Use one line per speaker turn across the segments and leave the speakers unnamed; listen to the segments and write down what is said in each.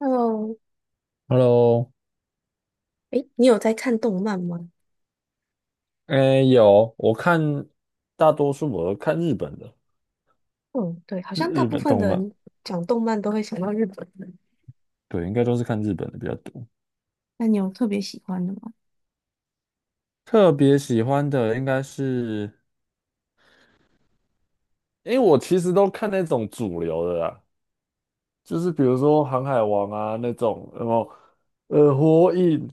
Hello，
Hello，
诶，你有在看动漫吗？
哎，有，我看大多数我都看日本的，
嗯，对，好
日
像大
日
部
本
分
动
的
漫，
人讲动漫都会想到日本人。
对，应该都是看日本的比较多。
那你有特别喜欢的吗？
特别喜欢的应该是，因为我其实都看那种主流的啦，就是比如说《航海王》啊那种，然后《火影》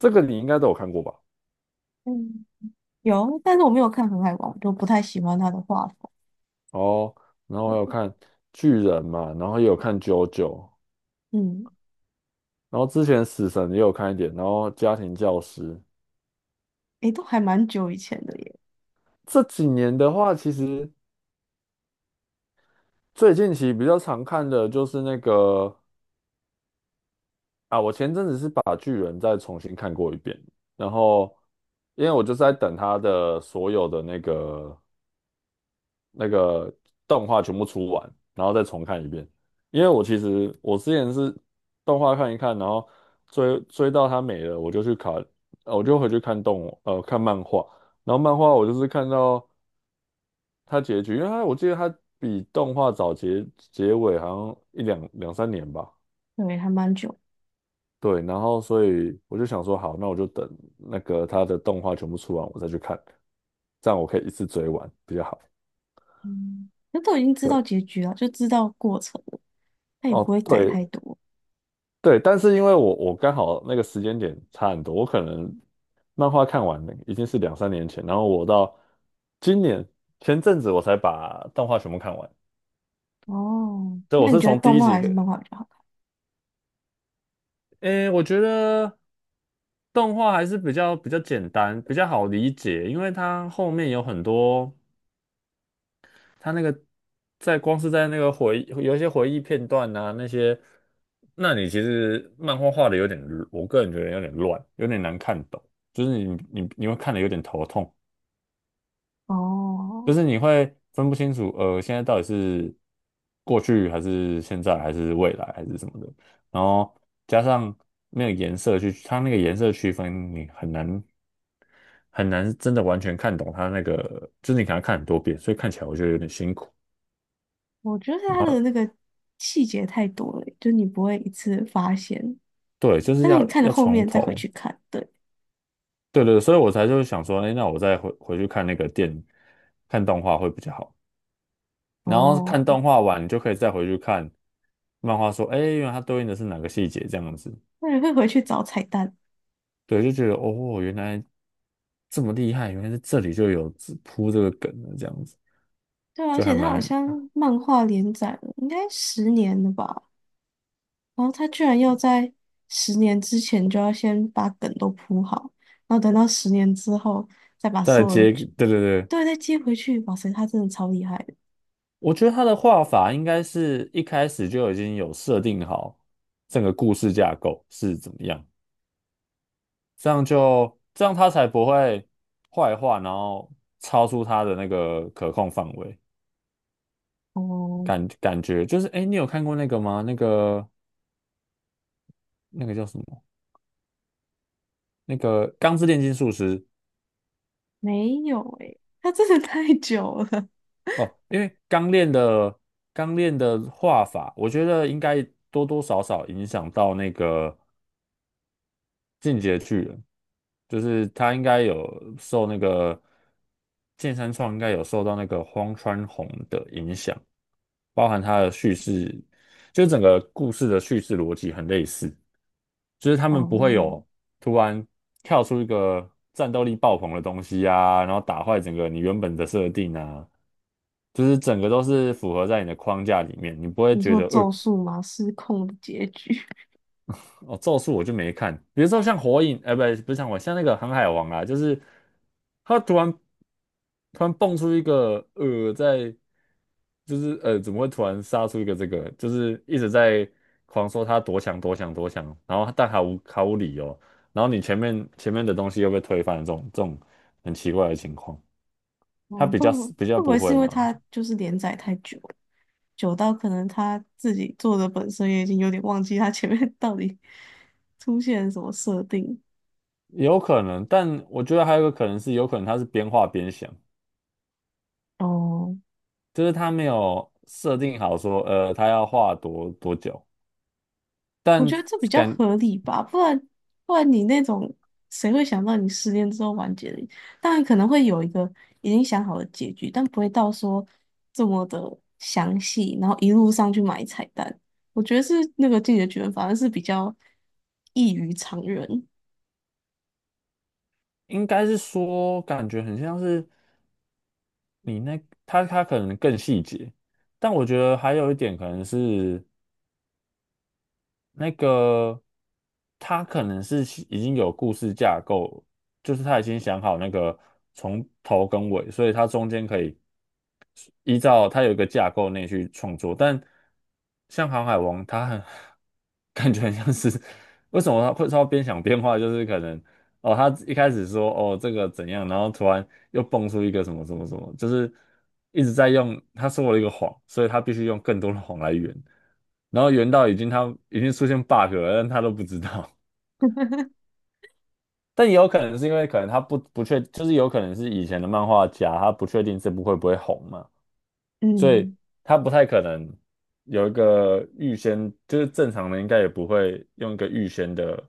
这个你应该都有看过吧？
嗯，有，但是我没有看《航海王》，就不太喜欢他的画风。
哦，然后还有
对，
看《巨人》嘛，然后也有看《JoJo》，
嗯，
然后之前《死神》也有看一点，然后《家庭教师》。
诶，都还蛮久以前的耶，
这几年的话，其实。最近期比较常看的就是那个啊，我前阵子是把人再重新看过一遍，然后因为我就是在等他的所有的那个动画全部出完，然后再重看一遍。因为我其实我之前是动画看一看，然后追到它没了，我就去看，我就回去看看漫画，然后漫画我就是看到它结局，因为它我记得它比动画早结结尾好像两三年吧。
对，还蛮久。
对，然后所以我就想说，好，那我就等那个它的动画全部出完，我再去看，这样我可以一次追完比较好。
嗯，那都已经知
对，
道结局了，就知道过程了，他也不
哦，
会改
对
太多。
对，但是因为我刚好那个时间点差很多，我可能漫画看完了已经是两三年前，然后我到今年前阵子我才把动画全部看完。
哦，
对，我
那你
是
觉得
从第
动
一
画
集
还
开，
是漫画比较好看？
诶，我觉得动画还是比较简单，比较好理解，因为它后面有很多。他那个在光是在那个回忆，有一些回忆片段啊，那些，那你其实漫画画的有点，我个人觉得有点乱，有点难看懂，就是你会看的有点头痛，就
哦，
是你会分不清楚，现在到底是过去还是现在还是未来还是什么的，然后加上那个颜色去，它那个颜色区分你很难。很难真的完全看懂它那个，就是你可能要看很多遍，所以看起来我觉得有点辛苦。
我觉得
然
他的
后。
那个细节太多了，就你不会一次发现。
对，就是
但是我
要
看了
要
后
从
面再回
头，
去看，对，
对对，对所以我才就是想说，哎，那我再回去看那个电，看动画会比较好。然后
哦，
看动画完，你就可以再回去看漫画，说，哎，原来它对应的是哪个细节这样子。
那人会回去找彩蛋。
对，就觉得哦，原来这么厉害，原来是这里就有这个梗的这样子，
对啊，而
就
且
还
他
蛮
好像漫画连载了，应该十年了吧？然后他居然要在十年之前就要先把梗都铺好，然后等到十年之后再把
再来
所有的
接，
剧，
对对对，
对，再接回去。哇塞，他真的超厉害的！
我觉得他的画法应该是一开始就已经有设定好整个故事架构是怎么样。这样它才不会坏话，然后超出它的那个可控范围。
哦，
感觉就是，哎，你有看过那个吗？那个那个叫什么？那个《钢之炼金术师》
没有诶，他真的太久了。
哦，因为钢炼的画法，我觉得应该多多少少影响到那个进阶巨人，就是他应该有受那个剑山创应该有受到那个荒川弘的影响。包含它的叙事，就是整个故事的叙事逻辑很类似，就是他们不会
哦，
有突然跳出一个战斗力爆棚的东西啊，然后打坏整个你原本的设定啊，就是整个都是符合在你的框架里面，你不会
你
觉
说
得，
《咒术》吗？失控的结局，
哦，咒术我就没看，比如说像火影，哎、不，不是像火影像那个航海王啊，就是他突然蹦出一个，在就是，怎么会突然杀出一个这个？就是一直在狂说他多强，然后但毫无理由，然后你前面的东西又被推翻的这种很奇怪的情况，他
哦，
比
会
较
不会
比较
会不
不
会是
会
因为
嘛，
他就是连载太久？久到可能他自己做的本身也已经有点忘记他前面 到底出现了什么设定。
有可能，但我觉得还有一个可能是，有可能他是边画边想。
哦，
就是他没有设定好说，他要画多久，
我
但
觉得这比较
感
合理吧，不然你那种谁会想到你失恋之后完结的？当然可能会有一个已经想好的结局，但不会到说这么的详细，然后一路上去买彩蛋。我觉得是那个《进击的巨人》反而是比较异于常人。
应该是说，感觉很像是你那他可能更细节，但我觉得还有一点可能是，那个他可能是其已经有故事架构，就是他已经想好那个从头跟尾，所以他中间可以依照他有一个架构内去创作。但像《航海王》，他很 感觉很像是 为什么他会边想边画，就是可能哦，他一开始说哦这个怎样，然后突然又蹦出一个什么什么什么，就是一直在用，他说了一个谎，所以他必须用更多的谎来圆，然后圆到已经他已经出现 bug 了，但他都不知道。但也有可能是因为可能他不确，就是有可能是以前的漫画家，他不确定这部会不会红嘛，所以
嗯。
他不太可能有一个预先，就是正常的应该也不会用一个预先的。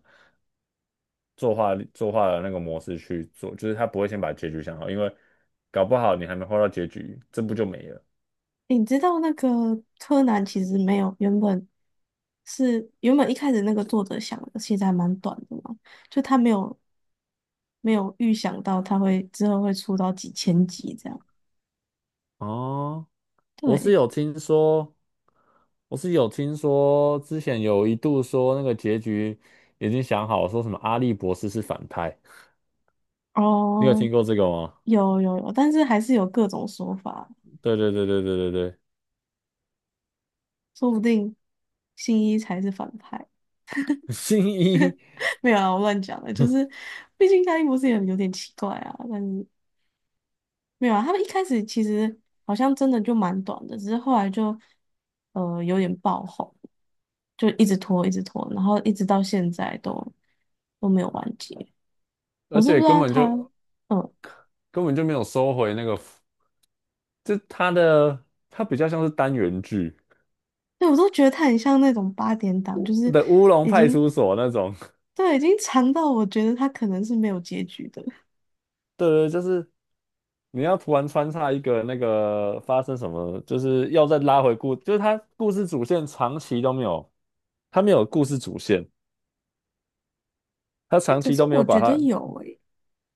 作画的那个模式去做，就是他不会先把结局想好，因为搞不好你还没画到结局，这不就没了。
你知道那个柯南其实没有原本一开始那个作者想的，其实还蛮短的嘛，就他没有预想到他会之后会出到几千集这样。
哦，我是
对，
有听说，我是有听说，之前有一度说那个结局已经想好，说什么阿笠博士是反派，你有
哦，
听过这个吗？
有有有，但是还是有各种说法，
对对对对对对对，
说不定新一才是反派。
新一，
没有啊，我乱讲了，就是毕竟他一博士也有点奇怪啊，但是。没有啊，他们一开始其实好像真的就蛮短的，只是后来就有点爆红，就一直拖，一直拖，然后一直到现在都没有完结。我
而
是不
且
知
根
道
本
他，
就
嗯，
根本就没有收回那个，就他的他比较像是单元剧
对，我都觉得他很像那种8点档，就是
的《乌龙
已
派
经
出所》那种。
对已经长到我觉得他可能是没有结局的。
对对，就是你要突然穿插一个那个发生什么，就是要再拉回故，就是他故事主线长期都没有，他没有故事主线，他
哎，
长
可
期
是
都没
我
有把
觉得
它。
有诶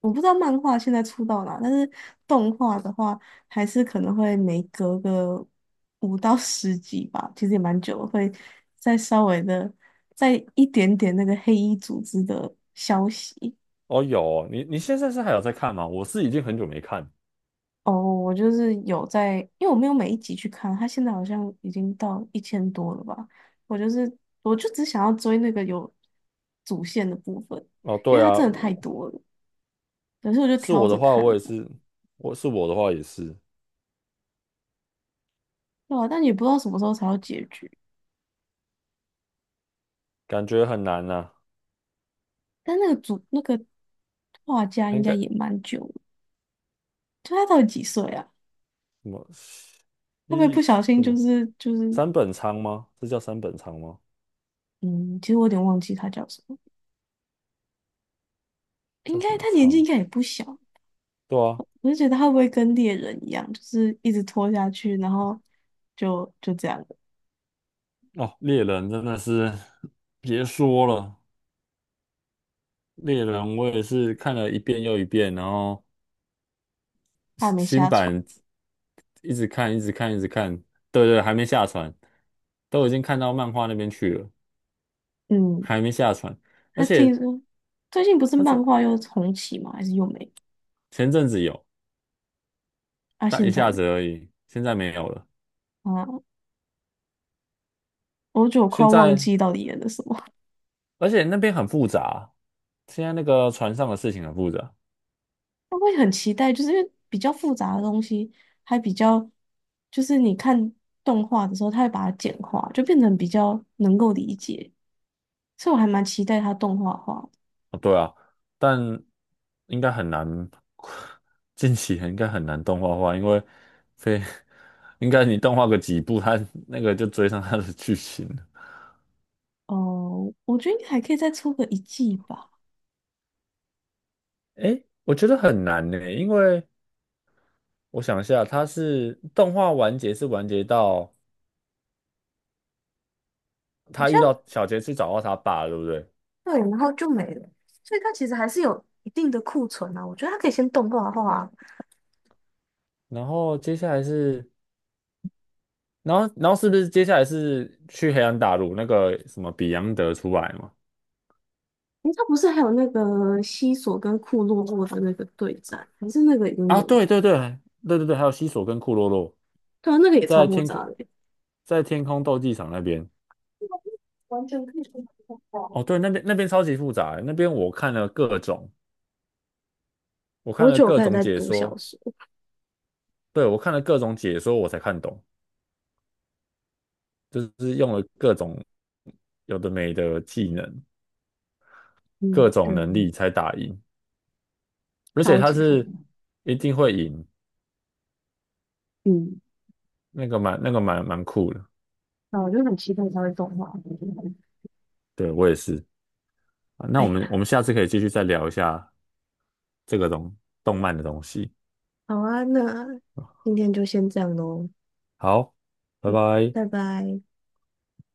我不知道漫画现在出到哪，但是动画的话，还是可能会每隔个5到10集吧，其实也蛮久了，会再稍微的再一点点那个黑衣组织的消息。
哦，有哦你你现在是还有在看吗？我是已经很久没看。
哦，我就是有在，因为我没有每一集去看，它现在好像已经到1000多了吧。我就是，我就只想要追那个有主线的部分，
哦，
因
对
为它
啊，
真的太
我
多了，可是我就
是
挑
我的
着
话，
看
我也
的，
是，我是我的话也是，
对啊，但也不知道什么时候才有结局。
感觉很难呐、
但那个主那个画家应
应
该
该什
也蛮久了，就他到底几岁啊？
么
会不会
一
不小心
什
就
么
是就是
三本仓吗？这叫三本仓吗？
嗯，其实我有点忘记他叫什么，应
叫什
该
么
他年纪应
仓？
该也不小，
对啊，
我就觉得他会不会跟猎人一样，就是一直拖下去，然后就这样了，
哦，猎人真的是别说了，猎人我也是看了一遍又一遍，然后
他还
新
没
新
下船。
版一直看，一直看，一直看，对对，还没下船，都已经看到漫画那边去了，
嗯，
还没下船，而
他听
且
说最近不是
他
漫
是
画又重启吗？还是又没？
前阵子有，
啊，
但一
现在
下
呢
子而已，现在没有了，
啊，我觉得我快
现
要忘
在
记到底演的什么。
而且那边很复杂啊，现在那个船上的事情很复杂。
他会很期待，就是因为比较复杂的东西，还比较就是你看动画的时候，他会把它简化，就变成比较能够理解，所以我还蛮期待它动画化的。
哦对啊，但应该很难，近期应该很难动画化，因为非 应该你动画个几部，他那个就追上他的剧情了。
哦，我觉得应该还可以再出个一季吧。
诶，我觉得很难呢，因为我想一下，他是动画完结是完结到
好
他
像
遇到小杰去找到他爸，对不对？
对，然后就没了，所以它其实还是有一定的库存啊。我觉得它可以先动画化，
然后接下来是，然后是不是接下来是去黑暗大陆那个什么比昂德出来嘛？
诶，它不是还有那个西索跟库洛洛的那个对战，还是那个已经
啊，
演了？
对对对，还有西索跟库洛洛。
对啊，那个也超
在
复
天
杂
空
的欸。
在天空斗技场那边。
完全可以动画化。
哦，对，那边超级复杂欸，那边我看了各种，我看
我
了
觉得我
各
开始
种
在
解
读小
说，
说，
对，我看了各种解说，我才看懂，就是用了各种有的没的技能，各
嗯，对，
种能力才打赢，而且
超
他
级疯
是
狂。
一定会赢，
嗯，
那个蛮酷的，
那我就很期待它会动画。
对，我也是。啊那
哎
我们我
呀，
们下次可以继续再聊一下这个东动漫的东西。
好啊，那今天就先这样喽，
好，拜
嗯，
拜。
拜拜。